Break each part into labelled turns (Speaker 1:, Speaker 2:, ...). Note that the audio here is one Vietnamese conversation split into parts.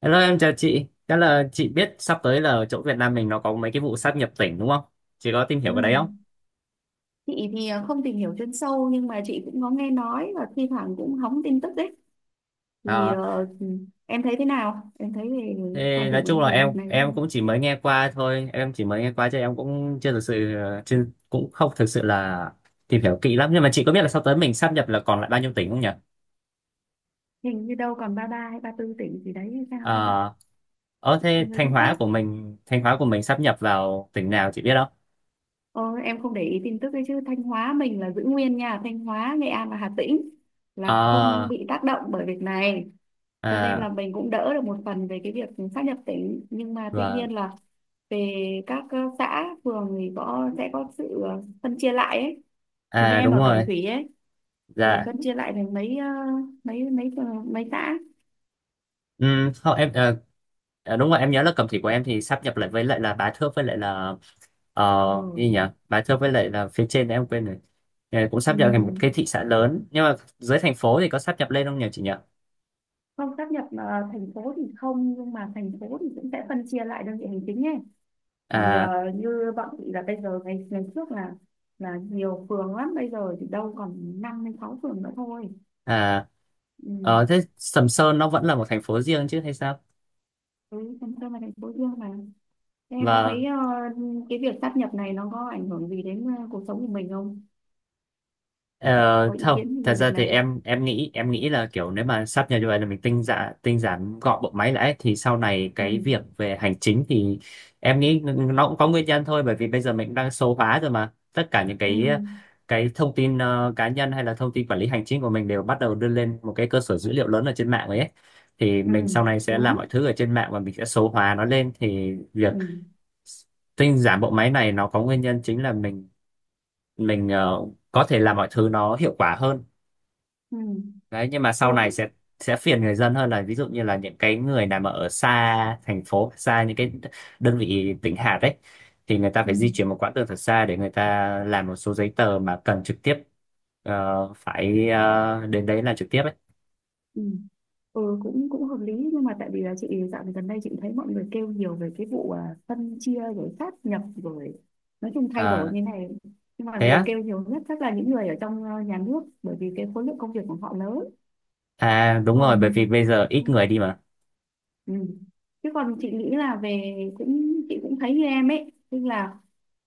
Speaker 1: Hello, em chào chị, chắc là chị biết sắp tới là ở chỗ Việt Nam mình nó có mấy cái vụ sáp nhập tỉnh đúng không? Chị có tìm hiểu
Speaker 2: Ừ.
Speaker 1: cái đấy không?
Speaker 2: Chị thì không tìm hiểu chuyên sâu, nhưng mà chị cũng có nghe nói và thi thoảng cũng hóng tin tức đấy, thì
Speaker 1: À,
Speaker 2: em thấy thế nào, em thấy về
Speaker 1: thế
Speaker 2: quan
Speaker 1: nói
Speaker 2: điểm của
Speaker 1: chung
Speaker 2: em
Speaker 1: là
Speaker 2: về
Speaker 1: em
Speaker 2: việc này thế
Speaker 1: em
Speaker 2: nào?
Speaker 1: cũng chỉ mới nghe qua thôi, em chỉ mới nghe qua chứ em cũng chưa thực sự, chưa, cũng không thực sự là tìm hiểu kỹ lắm, nhưng mà chị có biết là sắp tới mình sáp nhập là còn lại bao nhiêu tỉnh không nhỉ?
Speaker 2: Hình như đâu còn 33 hay 34 tỉnh gì đấy, hay sao
Speaker 1: À,
Speaker 2: em ạ.
Speaker 1: thế
Speaker 2: Người
Speaker 1: Thanh
Speaker 2: chính
Speaker 1: Hóa
Speaker 2: xác.
Speaker 1: của mình Thanh Hóa của mình sáp nhập vào tỉnh nào chị biết không?
Speaker 2: Ờ, em không để ý tin tức đấy, chứ Thanh Hóa mình là giữ nguyên nha. Thanh Hóa, Nghệ An và Hà Tĩnh là không
Speaker 1: À,
Speaker 2: bị tác động bởi việc này, cho nên là
Speaker 1: à,
Speaker 2: mình cũng đỡ được một phần về cái việc sáp nhập tỉnh. Nhưng mà tuy
Speaker 1: vâng.
Speaker 2: nhiên là về các xã phường thì có sẽ có sự phân chia lại ấy. Thì như
Speaker 1: À,
Speaker 2: em
Speaker 1: đúng
Speaker 2: ở Cẩm
Speaker 1: rồi.
Speaker 2: Thủy ấy, thì
Speaker 1: Dạ.
Speaker 2: phân chia lại thành mấy mấy mấy mấy xã.
Speaker 1: Ừ, không, em, đúng rồi em nhớ là cầm thị của em thì sáp nhập lại với lại là bá thước với lại là ờ
Speaker 2: Ừ.
Speaker 1: gì nhỉ, bá thước với lại là phía trên em quên rồi. Cũng sáp nhập thành một cái
Speaker 2: Ừ.
Speaker 1: thị xã lớn, nhưng mà dưới thành phố thì có sáp nhập lên không nhỉ chị nhỉ?
Speaker 2: Không sáp nhập, thành phố thì không, nhưng mà thành phố thì cũng sẽ phân chia lại đơn vị hành chính ấy. Thì
Speaker 1: À,
Speaker 2: như bọn chị là bây giờ, ngày ngày trước là nhiều phường lắm, bây giờ thì đâu còn năm đến sáu phường nữa thôi.
Speaker 1: à,
Speaker 2: Ừ.
Speaker 1: thế Sầm Sơn nó vẫn là một thành phố riêng chứ hay sao?
Speaker 2: Ừ, phân chia là thành phố riêng mà. Thế em có
Speaker 1: và
Speaker 2: thấy cái việc sáp nhập này nó có ảnh hưởng gì đến cuộc sống của mình không,
Speaker 1: Ờ,
Speaker 2: có ý
Speaker 1: Không,
Speaker 2: kiến
Speaker 1: thật
Speaker 2: về việc
Speaker 1: ra thì
Speaker 2: này?
Speaker 1: em nghĩ, là kiểu nếu mà sắp nhập như vậy là mình tinh giản gọn bộ máy lại ấy, thì sau này
Speaker 2: Ừ.
Speaker 1: cái việc về hành chính thì em nghĩ nó cũng có nguyên nhân thôi, bởi vì bây giờ mình cũng đang số hóa rồi mà tất cả những
Speaker 2: Ừ.
Speaker 1: cái thông tin cá nhân hay là thông tin quản lý hành chính của mình đều bắt đầu đưa lên một cái cơ sở dữ liệu lớn ở trên mạng rồi ấy, thì
Speaker 2: Ừ.
Speaker 1: mình sau này sẽ làm mọi
Speaker 2: Đúng.
Speaker 1: thứ ở trên mạng và mình sẽ số hóa nó lên, thì việc
Speaker 2: Ừ.
Speaker 1: tinh giản bộ máy này nó có nguyên nhân chính là mình, mình ờ, có thể làm mọi thứ nó hiệu quả hơn.
Speaker 2: Ừ.
Speaker 1: Đấy, nhưng mà sau
Speaker 2: Ừ.
Speaker 1: này sẽ phiền người dân hơn, là ví dụ như là những cái người nào mà ở xa thành phố, xa những cái đơn vị tỉnh hạt đấy, thì người ta
Speaker 2: Ừ.
Speaker 1: phải di chuyển một quãng đường thật xa để người ta làm một số giấy tờ mà cần trực tiếp, phải đến đấy là trực tiếp ấy.
Speaker 2: Ừ. Ừ. cũng cũng hợp lý, nhưng mà tại vì là chị dạo gần đây chị thấy mọi người kêu nhiều về cái vụ, à, phân chia rồi sát nhập rồi, nói chung thay đổi
Speaker 1: À,
Speaker 2: như này. Nhưng mà
Speaker 1: thế
Speaker 2: người
Speaker 1: á?
Speaker 2: kêu nhiều nhất chắc là những người ở trong nhà nước, bởi vì cái khối lượng công việc của họ lớn.
Speaker 1: À, đúng
Speaker 2: Còn.
Speaker 1: rồi, bởi vì bây giờ
Speaker 2: Ừ.
Speaker 1: ít người đi mà.
Speaker 2: Ừ. Chứ còn chị nghĩ là về, cũng chị cũng thấy như em ấy, tức là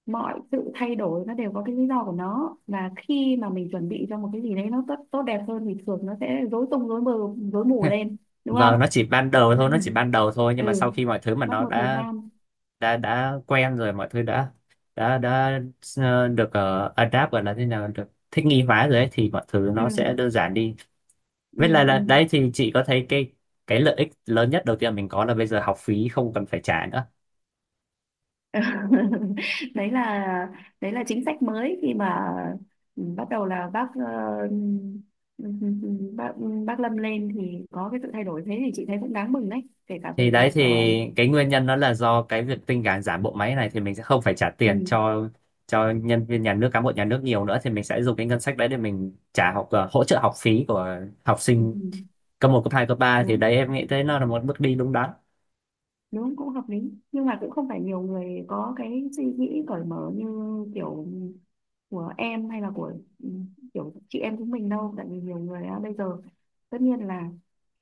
Speaker 2: mọi sự thay đổi nó đều có cái lý do của nó, và khi mà mình chuẩn bị cho một cái gì đấy nó tốt tốt đẹp hơn thì thường nó sẽ rối tung rối mù lên, đúng không?
Speaker 1: Vâng, nó chỉ ban đầu thôi, nó chỉ ban đầu thôi, nhưng
Speaker 2: Ừ.
Speaker 1: mà sau khi mọi thứ mà
Speaker 2: Mất
Speaker 1: nó
Speaker 2: một thời
Speaker 1: đã,
Speaker 2: gian.
Speaker 1: đã quen rồi, mọi thứ đã được, adapt, gọi là thế nào, được thích nghi hóa rồi ấy, thì mọi thứ nó sẽ
Speaker 2: Ừ.
Speaker 1: đơn giản đi.
Speaker 2: Ừ.
Speaker 1: Với lại
Speaker 2: Ừ.
Speaker 1: là đấy, thì chị có thấy cái lợi ích lớn nhất đầu tiên mình có là bây giờ học phí không cần phải trả nữa.
Speaker 2: đấy là đấy là chính sách mới, khi mà bắt đầu là bác ờ, ừ, ừ, ừ, ừ, bác Lâm lên, thì có cái sự thay đổi, thế thì chị thấy cũng đáng mừng đấy, kể cả về
Speaker 1: Thì đấy
Speaker 2: việc.
Speaker 1: thì
Speaker 2: ờ,
Speaker 1: cái nguyên nhân đó là do cái việc tinh giản giảm bộ máy này, thì mình sẽ không phải trả tiền
Speaker 2: ừ,
Speaker 1: cho nhân viên nhà nước, cán bộ nhà nước nhiều nữa, thì mình sẽ dùng cái ngân sách đấy để mình hỗ trợ học phí của học
Speaker 2: ừ,
Speaker 1: sinh cấp 1 cấp 2 cấp 3, thì
Speaker 2: đúng
Speaker 1: đấy em nghĩ thấy nó là một bước đi đúng đắn.
Speaker 2: đúng, cũng hợp lý, nhưng mà cũng không phải nhiều người có cái suy nghĩ cởi mở như kiểu của em, hay là của ừ, kiểu chị em chúng mình đâu. Tại vì nhiều người á, bây giờ, tất nhiên là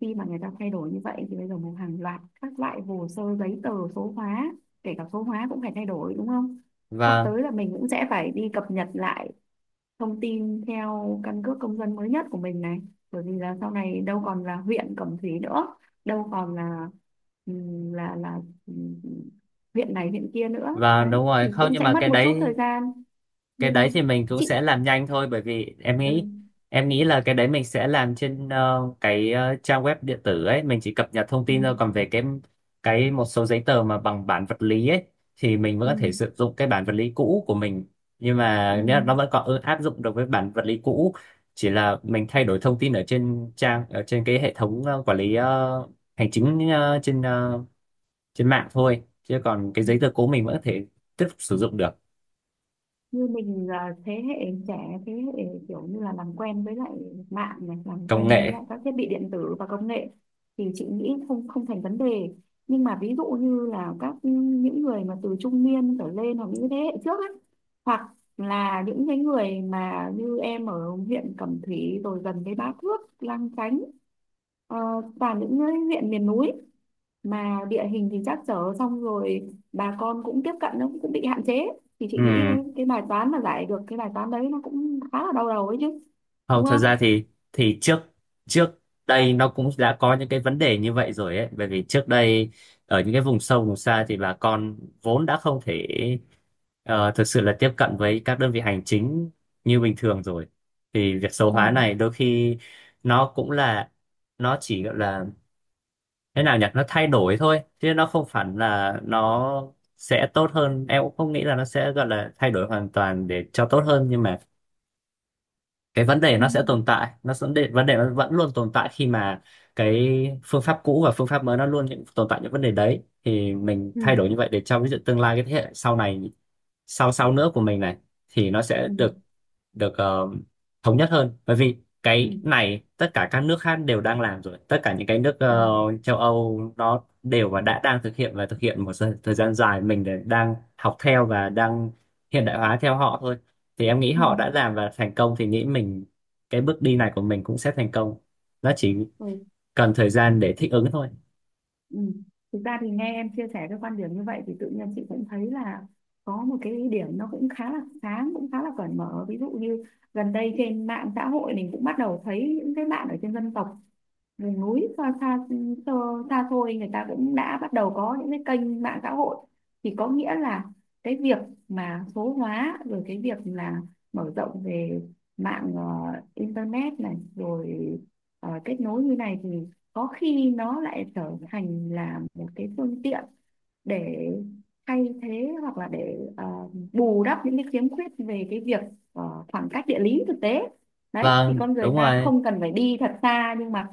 Speaker 2: khi mà người ta thay đổi như vậy thì bây giờ một hàng loạt các loại hồ sơ giấy tờ số hóa, kể cả số hóa cũng phải thay đổi, đúng không? Sắp
Speaker 1: và
Speaker 2: tới là mình cũng sẽ phải đi cập nhật lại thông tin theo căn cước công dân mới nhất của mình này, bởi vì là sau này đâu còn là huyện Cẩm Thủy nữa, đâu còn là là ừm, huyện này huyện kia nữa
Speaker 1: Vâng, đúng
Speaker 2: đấy,
Speaker 1: rồi,
Speaker 2: thì
Speaker 1: không,
Speaker 2: cũng
Speaker 1: nhưng
Speaker 2: sẽ
Speaker 1: mà
Speaker 2: mất
Speaker 1: cái
Speaker 2: một chút thời
Speaker 1: đấy,
Speaker 2: gian.
Speaker 1: cái đấy thì
Speaker 2: Nhưng
Speaker 1: mình cũng
Speaker 2: chị.
Speaker 1: sẽ làm nhanh thôi, bởi vì em
Speaker 2: Ừ.
Speaker 1: nghĩ, là cái đấy mình sẽ làm trên, cái, trang web điện tử ấy, mình chỉ cập nhật thông
Speaker 2: Ừ.
Speaker 1: tin thôi, còn về cái một số giấy tờ mà bằng bản vật lý ấy, thì mình vẫn
Speaker 2: Ừ.
Speaker 1: có thể sử dụng cái bản vật lý cũ của mình, nhưng mà
Speaker 2: Ừ.
Speaker 1: nhá, nó vẫn còn áp dụng được với bản vật lý cũ, chỉ là mình thay đổi thông tin ở trên trang, ở trên cái hệ thống quản lý hành chính, trên mạng thôi, chứ còn cái
Speaker 2: Ừ.
Speaker 1: giấy tờ cố mình vẫn có thể tiếp tục sử dụng được.
Speaker 2: Như mình là thế hệ trẻ, thế hệ kiểu như là làm quen với lại mạng này, làm
Speaker 1: Công
Speaker 2: quen với
Speaker 1: nghệ.
Speaker 2: lại các thiết bị điện tử và công nghệ thì chị nghĩ không không thành vấn đề. Nhưng mà ví dụ như là các những người mà từ trung niên trở lên, hoặc những thế hệ trước ấy, hoặc là những cái người mà như em ở huyện Cẩm Thủy, rồi gần với Bá Thước, Lang Chánh, ờ, toàn những cái huyện miền núi mà địa hình thì trắc trở, xong rồi bà con cũng tiếp cận nó cũng bị hạn chế, thì chị
Speaker 1: Ừ.
Speaker 2: nghĩ cái bài toán mà giải được cái bài toán đấy nó cũng khá là đau đầu ấy chứ,
Speaker 1: Không,
Speaker 2: đúng
Speaker 1: thật
Speaker 2: không?
Speaker 1: ra thì trước, trước đây nó cũng đã có những cái vấn đề như vậy rồi ấy, bởi vì trước đây ở những cái vùng sâu vùng xa thì bà con vốn đã không thể, thực sự là tiếp cận với các đơn vị hành chính như bình thường rồi, thì việc số
Speaker 2: Ừ.
Speaker 1: hóa này đôi khi nó cũng là, nó chỉ gọi là, thế nào nhỉ, nó thay đổi thôi chứ nó không hẳn là nó sẽ tốt hơn, em cũng không nghĩ là nó sẽ gọi là thay đổi hoàn toàn để cho tốt hơn, nhưng mà cái vấn đề
Speaker 2: Ừ.
Speaker 1: nó sẽ tồn tại, nó vấn vấn đề nó vẫn luôn tồn tại khi mà cái phương pháp cũ và phương pháp mới nó luôn những tồn tại những vấn đề đấy, thì mình
Speaker 2: Ừ.
Speaker 1: thay đổi như vậy để cho ví dụ tương lai cái thế hệ sau này, sau sau nữa của mình này, thì nó sẽ
Speaker 2: Ừ.
Speaker 1: được, được ờ, thống nhất hơn, bởi vì
Speaker 2: Ừ.
Speaker 1: cái này tất cả các nước khác đều đang làm rồi, tất cả những cái nước
Speaker 2: Ừ.
Speaker 1: châu Âu nó đều và đã đang thực hiện và thực hiện một thời thời gian dài, mình để đang học theo và đang hiện đại hóa theo họ thôi, thì em nghĩ
Speaker 2: Ừ.
Speaker 1: họ đã làm và thành công thì nghĩ mình cái bước đi này của mình cũng sẽ thành công, nó chỉ
Speaker 2: Ừ.
Speaker 1: cần thời gian để thích ứng thôi.
Speaker 2: Ừ. Thực ra thì nghe em chia sẻ cái quan điểm như vậy thì tự nhiên chị cũng thấy là có một cái điểm nó cũng khá là sáng, cũng khá là cởi mở. Ví dụ như gần đây trên mạng xã hội mình cũng bắt đầu thấy những cái bạn ở trên dân tộc miền núi xa xôi, người ta cũng đã bắt đầu có những cái kênh mạng xã hội, thì có nghĩa là cái việc mà số hóa rồi cái việc là mở rộng về mạng internet này rồi kết nối như này, thì có khi nó lại trở thành là một cái phương tiện để thay thế, hoặc là để bù đắp những cái khiếm khuyết về cái việc khoảng cách địa lý thực tế đấy, thì
Speaker 1: Vâng,
Speaker 2: con người
Speaker 1: đúng
Speaker 2: ta
Speaker 1: rồi.
Speaker 2: không cần phải đi thật xa, nhưng mà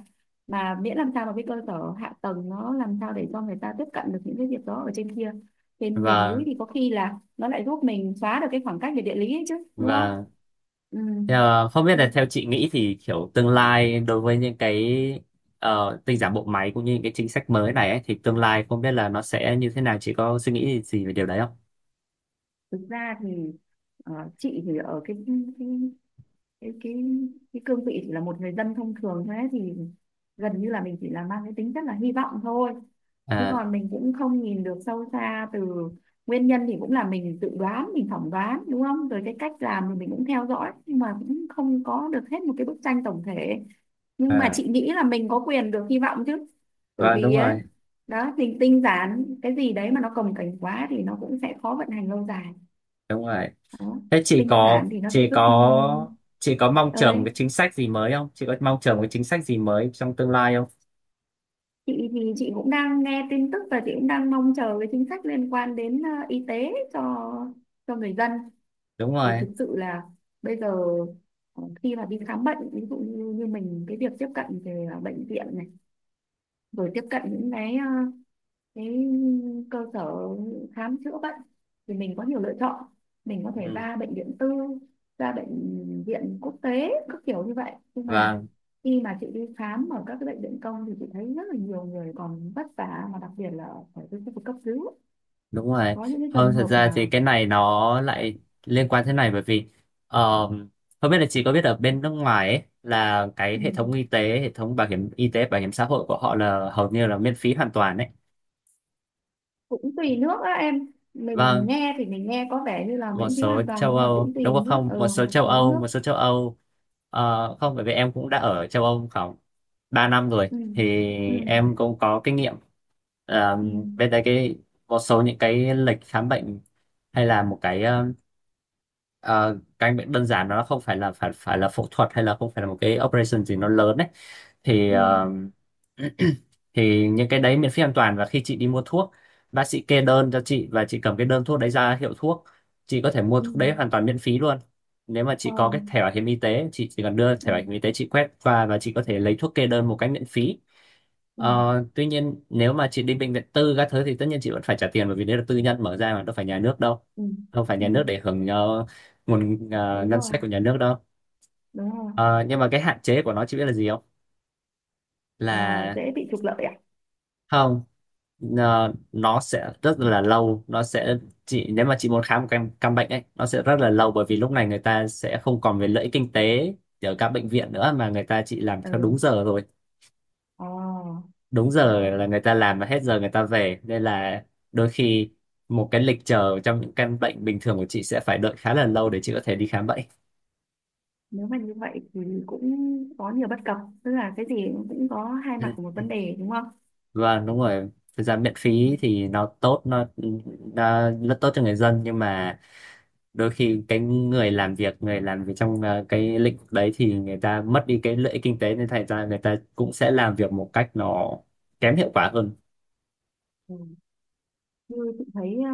Speaker 2: miễn làm sao mà cái cơ sở hạ tầng nó làm sao để cho người ta tiếp cận được những cái việc đó ở trên kia, trên miền núi,
Speaker 1: và
Speaker 2: thì có khi là nó lại giúp mình xóa được cái khoảng cách về địa lý ấy chứ, đúng không?
Speaker 1: và
Speaker 2: Ừ.
Speaker 1: ờ, Không biết
Speaker 2: Thì
Speaker 1: là theo chị nghĩ thì kiểu tương lai đối với những cái, tinh giản bộ máy cũng như những cái chính sách mới này ấy, thì tương lai không biết là nó sẽ như thế nào, chị có suy nghĩ gì về điều đấy không?
Speaker 2: thực ra thì ờ, chị thì ở cái cái, cái cương vị chỉ là một người dân thông thường thôi ấy, thì gần như là mình chỉ là mang cái tính rất là hy vọng thôi, chứ
Speaker 1: À,
Speaker 2: còn mình cũng không nhìn được sâu xa từ nguyên nhân, thì cũng là mình tự đoán, mình phỏng đoán đúng không, rồi cái cách làm thì mình cũng theo dõi, nhưng mà cũng không có được hết một cái bức tranh tổng thể. Nhưng mà
Speaker 1: à,
Speaker 2: chị nghĩ là mình có quyền được hy vọng chứ, bởi
Speaker 1: vâng, đúng
Speaker 2: vì ấy
Speaker 1: rồi,
Speaker 2: đó, mình tinh giản cái gì đấy mà nó cồng kềnh quá thì nó cũng sẽ khó vận hành lâu dài
Speaker 1: đúng rồi.
Speaker 2: đó.
Speaker 1: Thế chị
Speaker 2: Tinh
Speaker 1: có
Speaker 2: giản thì nó sẽ
Speaker 1: chị
Speaker 2: giúp
Speaker 1: có chị có mong chờ một
Speaker 2: ơi,
Speaker 1: cái chính sách gì mới không? Chị có mong chờ một cái chính sách gì mới trong tương lai không?
Speaker 2: chị thì chị cũng đang nghe tin tức và chị cũng đang mong chờ cái chính sách liên quan đến y tế cho người dân.
Speaker 1: Đúng
Speaker 2: Thì
Speaker 1: rồi.
Speaker 2: thực sự là bây giờ khi mà đi khám bệnh ví dụ như, như mình, cái việc tiếp cận về bệnh viện này, rồi tiếp cận những cái cái cơ sở khám chữa bệnh thì mình có nhiều lựa chọn, mình có thể
Speaker 1: Ừ.
Speaker 2: ra bệnh viện tư, ra bệnh viện quốc tế các kiểu như vậy. Nhưng mà
Speaker 1: Vâng,
Speaker 2: khi mà chị đi khám ở các cái bệnh viện công thì chị thấy rất là nhiều người còn vất vả, mà đặc biệt là ở ở cái khu vực cấp cứu,
Speaker 1: đúng rồi.
Speaker 2: có những cái
Speaker 1: Không,
Speaker 2: trường
Speaker 1: thật
Speaker 2: hợp
Speaker 1: ra thì
Speaker 2: mà
Speaker 1: cái này nó lại liên quan thế này, bởi vì ờm, không biết là chị có biết ở bên nước ngoài ấy, là cái
Speaker 2: ừ,
Speaker 1: hệ thống y tế, hệ thống bảo hiểm y tế, bảo hiểm xã hội của họ là hầu như là miễn phí hoàn toàn đấy.
Speaker 2: cũng tùy nước á em. Mình
Speaker 1: Vâng,
Speaker 2: nghe thì mình nghe có vẻ như là
Speaker 1: một
Speaker 2: miễn phí
Speaker 1: số
Speaker 2: hoàn toàn,
Speaker 1: châu
Speaker 2: nhưng mà
Speaker 1: Âu,
Speaker 2: cũng tùy
Speaker 1: đúng
Speaker 2: nước,
Speaker 1: không,
Speaker 2: ở
Speaker 1: một số
Speaker 2: một
Speaker 1: châu
Speaker 2: số
Speaker 1: Âu
Speaker 2: nước.
Speaker 1: một số châu Âu Không, bởi vì em cũng đã ở châu Âu không 3 năm rồi,
Speaker 2: Ừ.
Speaker 1: thì
Speaker 2: Ừ.
Speaker 1: em cũng có kinh nghiệm. Ờ,
Speaker 2: Ừ.
Speaker 1: bên đây cái một số những cái lịch khám bệnh hay là một cái, ờ, căn bệnh đơn giản, nó không phải là, phải phải là phẫu thuật hay là không phải là một cái operation gì nó lớn đấy, thì
Speaker 2: Ừ.
Speaker 1: thì những cái đấy miễn phí hoàn toàn, và khi chị đi mua thuốc, bác sĩ kê đơn cho chị và chị cầm cái đơn thuốc đấy ra hiệu thuốc, chị có thể mua
Speaker 2: Ừ.
Speaker 1: thuốc đấy hoàn toàn miễn phí luôn. Nếu mà chị
Speaker 2: Ờ.
Speaker 1: có cái thẻ bảo hiểm y tế, chị chỉ cần đưa
Speaker 2: Ừ.
Speaker 1: thẻ bảo hiểm y tế, chị quét, và chị có thể lấy thuốc kê đơn một cách miễn phí.
Speaker 2: Ừ.
Speaker 1: Ờ, tuy nhiên nếu mà chị đi bệnh viện tư các thứ thì tất nhiên chị vẫn phải trả tiền, bởi vì đấy là tư nhân mở ra, mà đâu phải nhà nước đâu,
Speaker 2: Ừ.
Speaker 1: đâu phải
Speaker 2: Ừ.
Speaker 1: nhà nước để hưởng nguồn
Speaker 2: Đúng
Speaker 1: ngân
Speaker 2: rồi.
Speaker 1: sách của nhà nước đâu.
Speaker 2: Đúng rồi.
Speaker 1: Ờ, nhưng mà cái hạn chế của nó chị biết là gì không?
Speaker 2: Ờ,
Speaker 1: Là
Speaker 2: dễ bị trục lợi à?
Speaker 1: không, nó sẽ rất là lâu, nó sẽ, chị nếu mà chị muốn khám một căn bệnh ấy, nó sẽ rất là lâu, bởi vì lúc này người ta sẽ không còn về lợi ích kinh tế ở các bệnh viện nữa, mà người ta chỉ làm theo đúng
Speaker 2: Ừ.
Speaker 1: giờ rồi,
Speaker 2: Ờ.
Speaker 1: đúng giờ
Speaker 2: Hiểu.
Speaker 1: là người ta làm và hết giờ người ta về, nên là đôi khi một cái lịch chờ trong những căn bệnh bình thường của chị sẽ phải đợi khá là lâu để chị có thể đi khám bệnh.
Speaker 2: Nếu mà như vậy thì cũng có nhiều bất cập, tức là cái gì cũng có hai
Speaker 1: Ừ.
Speaker 2: mặt của một vấn đề, đúng không?
Speaker 1: Vâng, đúng rồi. Thực ra miễn
Speaker 2: Ừ.
Speaker 1: phí thì nó tốt, nó rất tốt cho người dân, nhưng mà đôi khi cái người làm việc, người làm việc trong cái lĩnh vực đấy, thì người ta mất đi cái lợi ích kinh tế nên thành ra người ta cũng sẽ làm việc một cách nó kém hiệu quả hơn.
Speaker 2: Ừ. Như chị thấy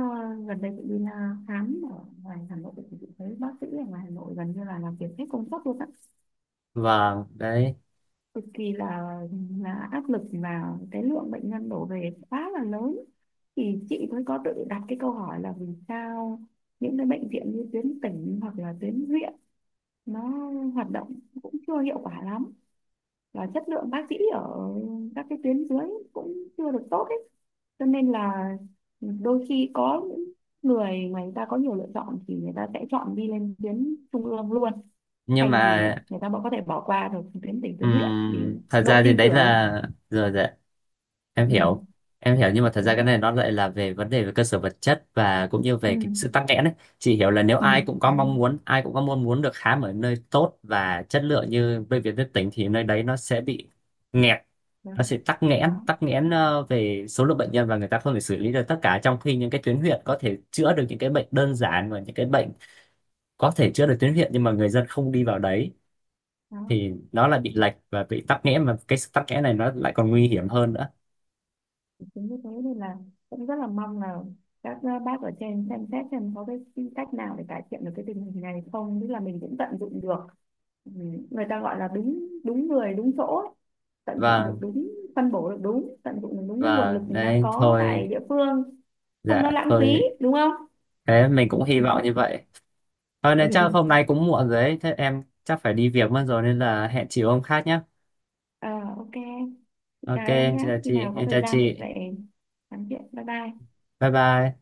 Speaker 2: gần đây chị đi là khám ở ngoài Hà Nội thì chị thấy bác sĩ ở ngoài Hà Nội gần như là làm việc hết công suất luôn á,
Speaker 1: Vâng, đấy,
Speaker 2: cực kỳ là áp lực, và cái lượng bệnh nhân đổ về quá là lớn. Thì chị mới có tự đặt cái câu hỏi là vì sao những cái bệnh viện như tuyến tỉnh hoặc là tuyến huyện nó hoạt động cũng chưa hiệu quả lắm, là chất lượng bác sĩ ở các cái tuyến dưới cũng chưa được tốt ấy, cho nên là đôi khi có những người mà người ta có nhiều lựa chọn thì người ta sẽ chọn đi lên tuyến trung ương luôn,
Speaker 1: nhưng
Speaker 2: thay vì
Speaker 1: mà
Speaker 2: người ta có thể bỏ qua được tuyến tỉnh, tuyến huyện vì
Speaker 1: thật
Speaker 2: độ
Speaker 1: ra thì
Speaker 2: tin
Speaker 1: đấy
Speaker 2: tưởng.
Speaker 1: là, rồi rồi, em
Speaker 2: Ừ.
Speaker 1: hiểu, em hiểu, nhưng mà thật ra cái
Speaker 2: Đấy.
Speaker 1: này nó lại là về vấn đề về cơ sở vật chất và cũng như về cái sự
Speaker 2: Ừ.
Speaker 1: tắc nghẽn ấy, chị hiểu là nếu
Speaker 2: Ừ.
Speaker 1: ai cũng có
Speaker 2: Đúng rồi.
Speaker 1: mong muốn, ai cũng có mong muốn được khám ở nơi tốt và chất lượng như bệnh viện tuyến tỉnh, thì nơi đấy nó sẽ bị nghẹt,
Speaker 2: Đó.
Speaker 1: nó sẽ tắc nghẽn,
Speaker 2: Đó.
Speaker 1: tắc nghẽn về số lượng bệnh nhân, và người ta không thể xử lý được tất cả, trong khi những cái tuyến huyện có thể chữa được những cái bệnh đơn giản và những cái bệnh có thể chữa được tuyến huyện, nhưng mà người dân không đi vào đấy,
Speaker 2: Đó,
Speaker 1: thì nó lại bị lệch và bị tắc nghẽn, mà cái sự tắc nghẽn này nó lại còn nguy hiểm hơn nữa.
Speaker 2: chính như thế nên là cũng rất là mong là các bác ở trên xem xét xem có cái cách nào để cải thiện được cái tình hình này không, tức là mình cũng tận dụng được. Ừ, người ta gọi là đúng, đúng người đúng chỗ ấy. Tận dụng được
Speaker 1: và
Speaker 2: đúng, phân bổ được đúng, tận dụng được đúng cái nguồn
Speaker 1: Và
Speaker 2: lực mình đang
Speaker 1: đấy
Speaker 2: có tại
Speaker 1: thôi,
Speaker 2: địa phương, không nó
Speaker 1: dạ
Speaker 2: lãng phí,
Speaker 1: thôi,
Speaker 2: đúng không?
Speaker 1: thế mình cũng hy vọng như vậy thôi, nên chắc hôm
Speaker 2: Ừ.
Speaker 1: nay cũng muộn rồi đấy, thế em chắc phải đi việc mất rồi nên là hẹn chị hôm khác nhé.
Speaker 2: Ờ, ok, chị
Speaker 1: Ok,
Speaker 2: chào em
Speaker 1: em
Speaker 2: nhé,
Speaker 1: chào
Speaker 2: khi
Speaker 1: chị,
Speaker 2: nào có
Speaker 1: em
Speaker 2: thời
Speaker 1: chào
Speaker 2: gian mình
Speaker 1: chị,
Speaker 2: lại nói chuyện, bye bye.
Speaker 1: bye bye.